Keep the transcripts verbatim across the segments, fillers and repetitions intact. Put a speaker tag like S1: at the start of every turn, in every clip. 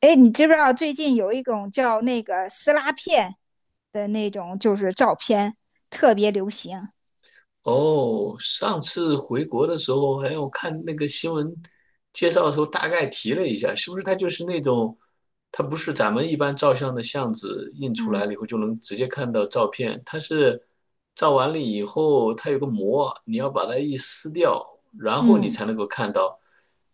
S1: 哎，你知不知道最近有一种叫那个撕拉片的那种，就是照片特别流行。
S2: 哦，上次回国的时候，还有看那个新闻介绍的时候，大概提了一下，是不是它就是那种，它不是咱们一般照相的相纸印出来
S1: 嗯
S2: 了以后就能直接看到照片，它是照完了以后，它有个膜，你要把它一撕掉，然后你
S1: 嗯，
S2: 才能够看到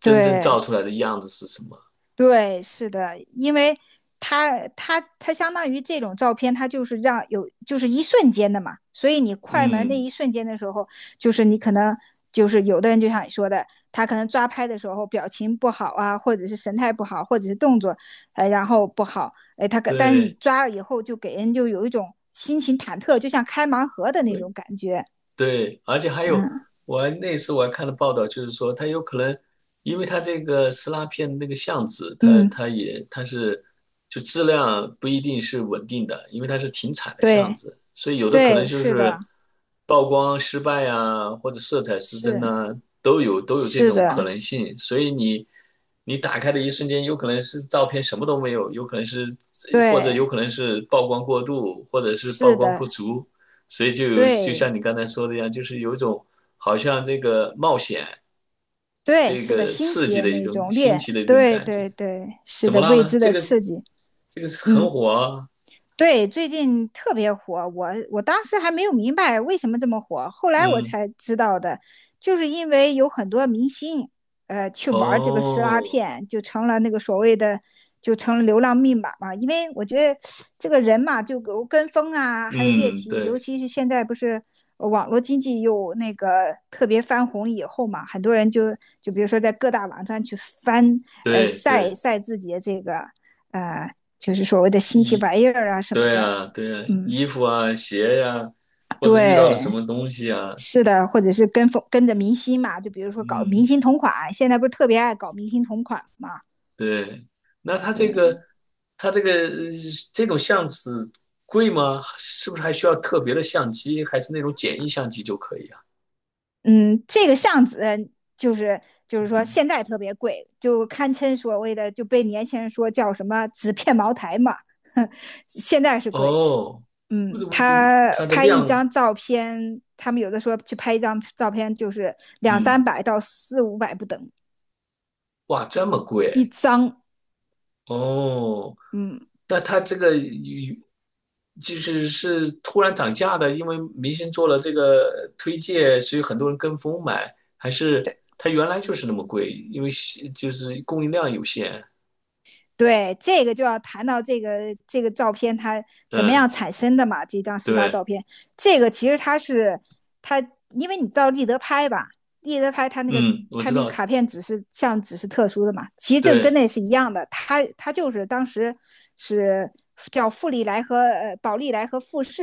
S2: 真正照
S1: 对，
S2: 出来的样子是什么。
S1: 对，是的，因为它它它相当于这种照片，它就是让有就是一瞬间的嘛，所以你快门那
S2: 嗯，
S1: 一瞬间的时候，就是你可能就是有的人就像你说的，他可能抓拍的时候表情不好啊，或者是神态不好，或者是动作，哎，然后不好，哎，他可但是你
S2: 对。
S1: 抓了以后就给人就有一种心情忐忑，就像开盲盒的那种感觉。
S2: 对，而且还有，
S1: 嗯
S2: 我还那次我还看了报道，就是说它有可能，因为它这个撕拉片的那个相纸，它
S1: 嗯，
S2: 它也它是就质量不一定是稳定的，因为它是停产的相
S1: 对
S2: 纸，所以有的可能
S1: 对，
S2: 就
S1: 是的，
S2: 是曝光失败啊，或者色彩失真
S1: 是
S2: 呐、都有都有这
S1: 是
S2: 种可
S1: 的，
S2: 能性。所以你你打开的一瞬间，有可能是照片什么都没有，有可能是或者有
S1: 对。
S2: 可能是曝光过度，或者是曝
S1: 是
S2: 光
S1: 的，
S2: 不足。所以就有就像
S1: 对
S2: 你刚才说的一样，就是有一种好像这个冒险、
S1: 对，
S2: 这
S1: 是的，
S2: 个
S1: 新
S2: 刺
S1: 奇
S2: 激
S1: 的
S2: 的一
S1: 那
S2: 种
S1: 种
S2: 新
S1: 恋，
S2: 奇的一种
S1: 对
S2: 感觉。
S1: 对对，是
S2: 怎么
S1: 的，
S2: 了
S1: 未
S2: 呢？
S1: 知
S2: 这
S1: 的
S2: 个
S1: 刺激。
S2: 这个是很
S1: 嗯。
S2: 火啊，
S1: 对，最近特别火，我我当时还没有明白为什么这么火，后来我
S2: 嗯，
S1: 才知道的，就是因为有很多明星，呃，去玩这个撕拉
S2: 哦，
S1: 片，就成了那个所谓的，就成了流浪密码嘛。因为我觉得这个人嘛，就有跟风啊，还有猎
S2: 嗯，
S1: 奇，尤
S2: 对
S1: 其是现在不是呃网络经济又那个特别翻红以后嘛，很多人就就比如说在各大网站去翻。呃，
S2: 对
S1: 晒
S2: 对，
S1: 晒自己的这个。呃，就是所谓的新奇
S2: 衣，
S1: 玩意儿啊什么
S2: 对
S1: 的。
S2: 啊对啊，
S1: 嗯，
S2: 衣服啊鞋呀、或者遇到了
S1: 对，
S2: 什么东西啊，
S1: 是的，或者是跟风跟着明星嘛，就比如说搞
S2: 嗯。
S1: 明星同款，现在不是特别爱搞明星同款嘛？
S2: 对，那它这
S1: 对，
S2: 个，它这个呃这种相纸贵吗？是不是还需要特别的相机，还是那种简易相机就可以啊？
S1: 嗯，这个相纸就是就是说
S2: 嗯，
S1: 现在特别贵，就堪称所谓的就被年轻人说叫什么纸片茅台嘛。现在是贵。
S2: 哦，呃
S1: 嗯，
S2: 呃
S1: 他
S2: 它的
S1: 拍一
S2: 量，
S1: 张照片，他们有的说去拍一张照片就是两三
S2: 嗯，
S1: 百到四五百不等
S2: 哇，这么
S1: 一
S2: 贵
S1: 张。
S2: 哦？
S1: 嗯，
S2: 那它这个与就是是突然涨价的，因为明星做了这个推荐，所以很多人跟风买，还是它原来就是那么贵，因为是就是供应量有限？
S1: 对，这个就要谈到这个这个照片它怎么
S2: 嗯，
S1: 样产生的嘛？这张撕拉照
S2: 对。
S1: 片，这个其实它是它，因为你到立德拍吧，立德拍它那个
S2: 嗯，我
S1: 它
S2: 知
S1: 那个
S2: 道，
S1: 卡片纸是像纸是特殊的嘛，其实这个跟
S2: 对，
S1: 那是一样的，它它就是当时是叫富利来和呃宝利来和富士，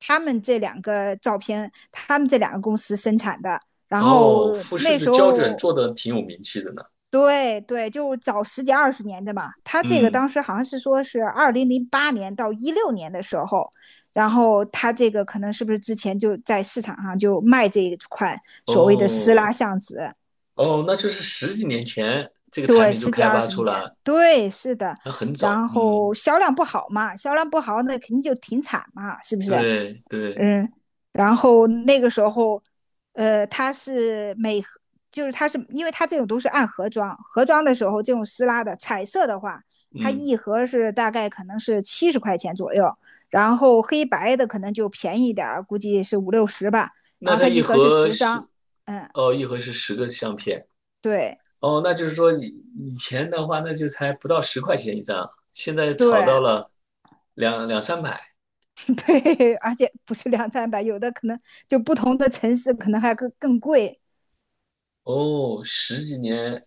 S1: 他们这两个照片，他们这两个公司生产的，然后
S2: 哦，富士
S1: 那
S2: 的
S1: 时
S2: 胶卷
S1: 候。
S2: 做的挺有名气的呢。
S1: 对对，就早十几二十年的嘛。他这个
S2: 嗯，
S1: 当时好像是说是二零零八年到一六年的时候，然后他这个可能是不是之前就在市场上就卖这一款所谓的撕拉
S2: 哦，
S1: 橡子？
S2: 哦，那就是十几年前这个产
S1: 对，
S2: 品就
S1: 十几
S2: 开
S1: 二
S2: 发
S1: 十
S2: 出
S1: 年，
S2: 来，
S1: 对，是的。
S2: 那很早。
S1: 然后
S2: 嗯，
S1: 销量不好嘛，销量不好那肯定就停产嘛，是不是？
S2: 对对，
S1: 嗯，然后那个时候，呃，它是每盒就是它是因为它这种都是按盒装，盒装的时候这种撕拉的彩色的话，它
S2: 嗯，
S1: 一盒是大概可能是七十块钱左右，然后黑白的可能就便宜一点儿，估计是五六十吧。然
S2: 那
S1: 后
S2: 它
S1: 它
S2: 一
S1: 一盒是
S2: 盒
S1: 十张。
S2: 是，
S1: 嗯，
S2: 哦，一盒是十个相片。
S1: 对
S2: 哦，那就是说以以前的话，那就才不到十块钱一张，现在炒
S1: 对
S2: 到了两两三百。
S1: 对，而且不是两三百，有的可能就不同的城市可能还更更贵，
S2: 哦，十几年，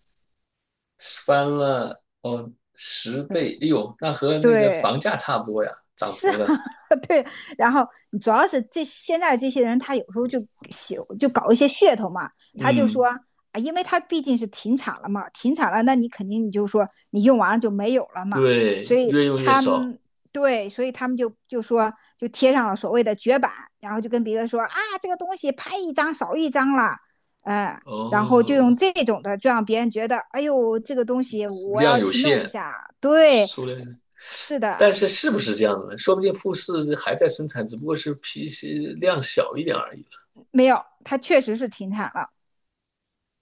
S2: 翻了哦十倍，哎呦，那和那个
S1: 对，
S2: 房价差不多呀，涨
S1: 是
S2: 幅的，
S1: 对，然后主要是这现在这些人，他有时候就喜就搞一些噱头嘛，他就说
S2: 嗯，
S1: 啊，因为他毕竟是停产了嘛，停产了，那你肯定你就说你用完了就没有了嘛，所
S2: 对，
S1: 以
S2: 越用越
S1: 他
S2: 少。
S1: 们对，所以他们就就说就贴上了所谓的绝版，然后就跟别人说啊，这个东西拍一张少一张了。嗯，然后就用
S2: 哦，
S1: 这种的，就让别人觉得，哎呦，这个东西我
S2: 量
S1: 要
S2: 有
S1: 去弄一
S2: 限，
S1: 下。对。
S2: 数量
S1: 是
S2: 但
S1: 的，
S2: 是是不是这样的呢？说不定富士还在生产，只不过是批是量小一点而已了。
S1: 没有，它确实是停产了。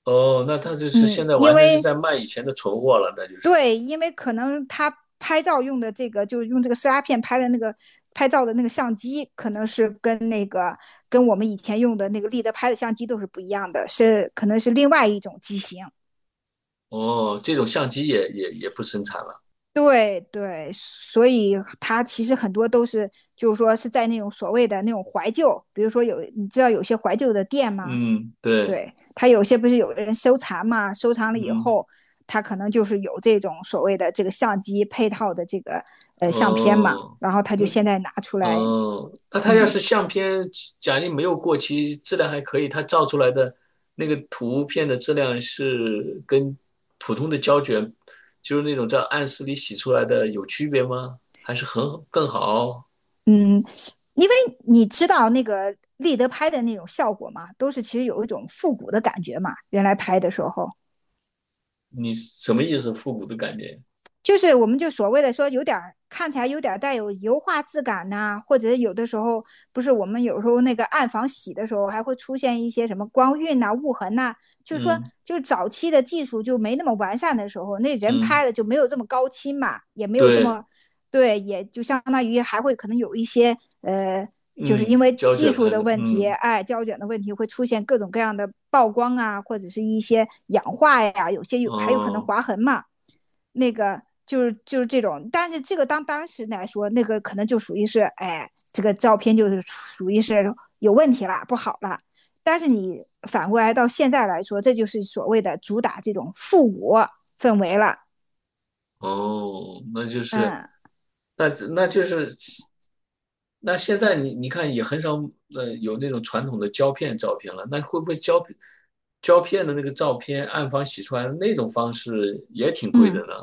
S2: 哦，那它就是现
S1: 嗯，
S2: 在
S1: 因
S2: 完全是
S1: 为
S2: 在卖以前的存货了，那就是。
S1: 对，因为可能它拍照用的这个，就是用这个撕拉片拍的那个拍照的那个相机，可能是跟那个跟我们以前用的那个立德拍的相机都是不一样的，是可能是另外一种机型。
S2: 哦，这种相机也也也不生产了。
S1: 对对，所以它其实很多都是，就是说是在那种所谓的那种怀旧，比如说有你知道有些怀旧的店吗？
S2: 嗯，对，
S1: 对他有些不是有人收藏嘛，收藏了以
S2: 嗯，
S1: 后，他可能就是有这种所谓的这个相机配套的这个呃相片嘛，
S2: 哦，
S1: 然后他就
S2: 嗯，
S1: 现在拿出来。
S2: 嗯，那他要
S1: 嗯
S2: 是相片，假定没有过期，质量还可以，他照出来的那个图片的质量是跟普通的胶卷，就是那种在暗室里洗出来的有区别吗？还是很更好？
S1: 嗯，因为你知道那个立德拍的那种效果嘛，都是其实有一种复古的感觉嘛，原来拍的时候，
S2: 你什么意思？复古的感觉？
S1: 就是我们就所谓的说有点看起来有点带有油画质感呐、啊或者有的时候不是我们有时候那个暗房洗的时候还会出现一些什么光晕呐、啊雾痕呐、啊就是说
S2: 嗯
S1: 就早期的技术就没那么完善的时候，那人
S2: 嗯，
S1: 拍的就没有这么高清嘛，也没有这
S2: 对，
S1: 么对，也就相当于还会可能有一些呃。就是因
S2: 嗯，
S1: 为
S2: 胶
S1: 技
S2: 卷
S1: 术
S2: 拍
S1: 的
S2: 的，
S1: 问题，
S2: 嗯
S1: 哎，胶卷的问题会出现各种各样的曝光啊，或者是一些氧化呀，有些有还有可能
S2: 哦。
S1: 划痕嘛。那个就是就是这种，但是这个当当时来说，那个可能就属于是，哎，这个照片就是属于是有问题了，不好了。但是你反过来到现在来说，这就是所谓的主打这种复古氛围了。
S2: 哦，那就是，
S1: 嗯
S2: 那那就是，那现在你你看也很少呃有那种传统的胶片照片了，那会不会胶片胶片的那个照片暗房洗出来的那种方式也挺贵的
S1: 嗯，
S2: 呢？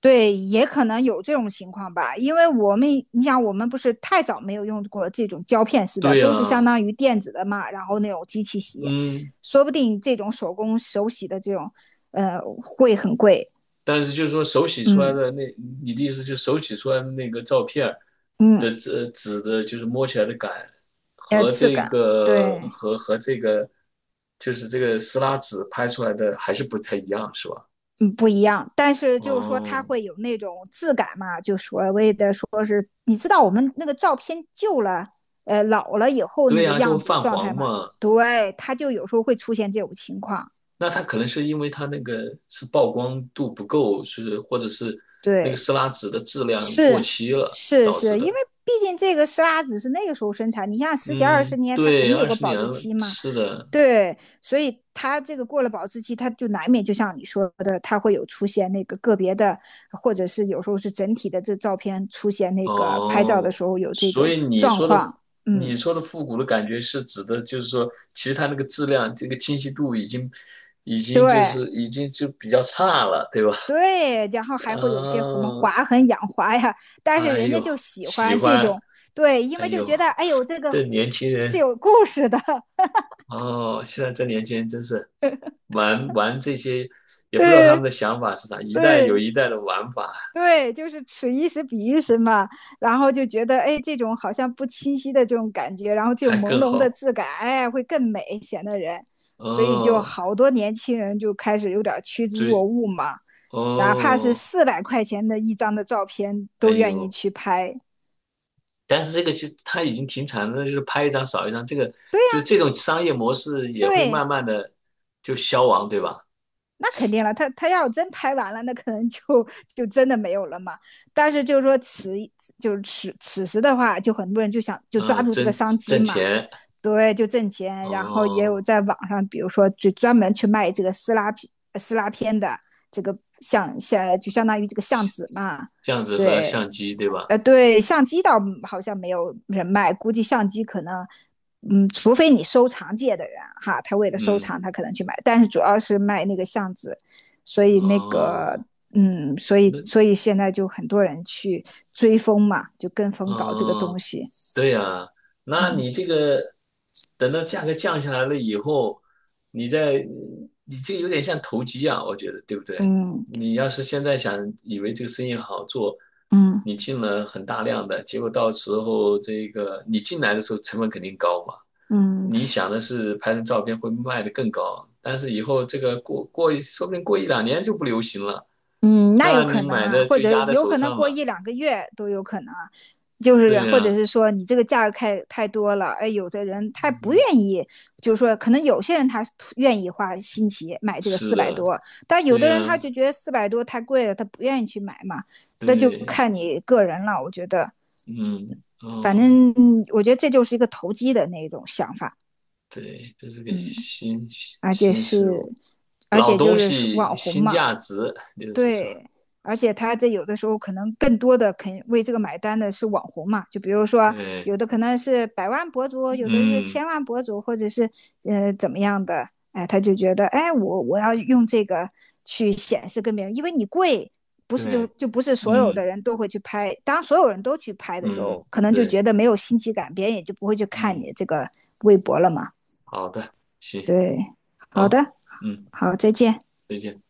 S1: 对，也可能有这种情况吧，因为我们你想，我们不是太早没有用过这种胶片式的，
S2: 对
S1: 都是相
S2: 呀，
S1: 当于电子的嘛，然后那种机器洗，
S2: 嗯。
S1: 说不定这种手工手洗的这种，呃，会很贵。
S2: 但是就是说手洗出来
S1: 嗯
S2: 的那，你的意思就是手洗出来的那个照片儿
S1: 嗯，
S2: 的纸纸的，就是摸起来的感
S1: 呃，
S2: 和
S1: 质
S2: 这
S1: 感
S2: 个
S1: 对，
S2: 和和这个就是这个撕拉纸拍出来的还是不太一样，是吧？
S1: 嗯不一样。但是就是说，它
S2: 哦，
S1: 会有那种质感嘛，就所谓的说是，你知道我们那个照片旧了，呃，老了以后那
S2: 对
S1: 个
S2: 呀，就
S1: 样
S2: 会
S1: 子的
S2: 泛
S1: 状态
S2: 黄
S1: 嘛？
S2: 嘛。
S1: 对，它就有时候会出现这种情况。
S2: 那它可能是因为它那个是曝光度不够，是或者是那个
S1: 对，
S2: 撕拉纸的质量过
S1: 是
S2: 期了
S1: 是
S2: 导致
S1: 是，因为
S2: 的。
S1: 毕竟这个沙子是那个时候生产，你像十几二十
S2: 嗯，
S1: 年，它肯
S2: 对，
S1: 定有
S2: 二
S1: 个
S2: 十
S1: 保
S2: 年
S1: 质
S2: 了，
S1: 期嘛。
S2: 是的。
S1: 对，所以它这个过了保质期，它就难免就像你说的，它会有出现那个个别的，或者是有时候是整体的这照片出现那个拍照的
S2: 哦，
S1: 时候有这
S2: 所
S1: 种
S2: 以你
S1: 状
S2: 说的
S1: 况。
S2: 你
S1: 嗯，
S2: 说的复古的感觉是指的，就是说，其实它那个质量，这个清晰度已经已经就
S1: 对
S2: 是已经就比较差了，对吧？
S1: 对，然后 还会有些什么
S2: 嗯、
S1: 划痕、氧化呀，但是
S2: 哎
S1: 人家
S2: 呦，
S1: 就喜
S2: 喜
S1: 欢这
S2: 欢，
S1: 种，对，因
S2: 哎
S1: 为就
S2: 呦，
S1: 觉得哎呦，这个
S2: 这年轻
S1: 是是
S2: 人
S1: 有故事的，
S2: 哦，现在这年轻人真是 玩玩这些，也不知道他们
S1: 对
S2: 的想法是啥，一代有
S1: 对。
S2: 一代的玩法，
S1: 对，就是此一时彼一时嘛，然后就觉得，哎，这种好像不清晰的这种感觉，然后这
S2: 还
S1: 种朦
S2: 更
S1: 胧的
S2: 好。
S1: 质感，哎，会更美，显得人，所以就
S2: 哦，
S1: 好多年轻人就开始有点趋之若
S2: 追，
S1: 鹜嘛，哪怕是
S2: 哦，
S1: 四百块钱的一张的照片，
S2: 哎
S1: 都愿意
S2: 呦。
S1: 去拍。
S2: 但是这个就它已经停产了，就是拍一张少一张，这个
S1: 对
S2: 就
S1: 呀，
S2: 这种商业模式也会慢
S1: 对，
S2: 慢的就消亡，对吧？
S1: 那肯定了，他他要真拍完了，那可能就就真的没有了嘛。但是就是说此就是此此时的话，就很多人就想就抓
S2: 嗯，
S1: 住这个
S2: 挣
S1: 商机
S2: 挣
S1: 嘛。
S2: 钱，
S1: 对，就挣钱。然后也有
S2: 哦，
S1: 在网上，比如说就专门去卖这个撕拉片、呃撕拉片的这个相相，就相当于这个相纸嘛。
S2: 这样子和
S1: 对，
S2: 相机，对吧？
S1: 呃，对，相机倒好像没有人卖，估计相机可能，嗯，除非你收藏界的人哈，他为了收
S2: 嗯，
S1: 藏，他可能去买，但是主要是卖那个相纸，所以那个。
S2: 哦，
S1: 嗯，所以
S2: 那，
S1: 所以现在就很多人去追风嘛，就跟风搞这个
S2: 哦。
S1: 东西。
S2: 对呀，那
S1: 嗯
S2: 你这个等到价格降下来了以后，你再你这个有点像投机啊，我觉得对不对？
S1: 嗯
S2: 你要是现在想以为这个生意好做，
S1: 嗯
S2: 你进了很大量的，结果到时候这个你进来的时候成本肯定高嘛，
S1: 嗯，
S2: 你想的是拍成照片会卖得更高，但是以后这个过过一说不定过一两年就不流行了，
S1: 嗯，那有
S2: 那你
S1: 可能
S2: 买
S1: 啊，
S2: 的
S1: 或
S2: 就
S1: 者
S2: 压在
S1: 有
S2: 手
S1: 可能
S2: 上
S1: 过
S2: 了。
S1: 一两个月都有可能啊，就是
S2: 对
S1: 或者
S2: 呀，
S1: 是说你这个价格太太多了，哎，有的人他不愿意，就是说可能有些人他愿意花新奇买这个
S2: 是
S1: 四百
S2: 的，
S1: 多，但有
S2: 对
S1: 的人他
S2: 呀，
S1: 就觉得四百多太贵了，他不愿意去买嘛，那就
S2: 对。
S1: 看你个人了，我觉得，
S2: 嗯，
S1: 反
S2: 哦，
S1: 正我觉得这就是一个投机的那种想法，
S2: 对，这是个
S1: 嗯，
S2: 新
S1: 而且
S2: 新事物，
S1: 是，而
S2: 老
S1: 且就
S2: 东
S1: 是网
S2: 西
S1: 红
S2: 新
S1: 嘛，
S2: 价值，就是说，
S1: 对，而且他这有的时候可能更多的肯为这个买单的是网红嘛，就比如说
S2: 对，
S1: 有的可能是百万博主，有的是
S2: 嗯，
S1: 千万博主，或者是呃怎么样的，哎，他就觉得哎我我要用这个去显示跟别人，因为你贵，不是就
S2: 对，
S1: 就不是所有的
S2: 嗯
S1: 人都会去拍，当所有人都去拍的时
S2: 嗯，
S1: 候，可能就
S2: 对，
S1: 觉得没有新奇感，别人也就不会去看
S2: 嗯，
S1: 你这个微博了嘛。
S2: 好的，行，
S1: 对，好
S2: 好，
S1: 的，
S2: 嗯，
S1: 好，再见。
S2: 再见。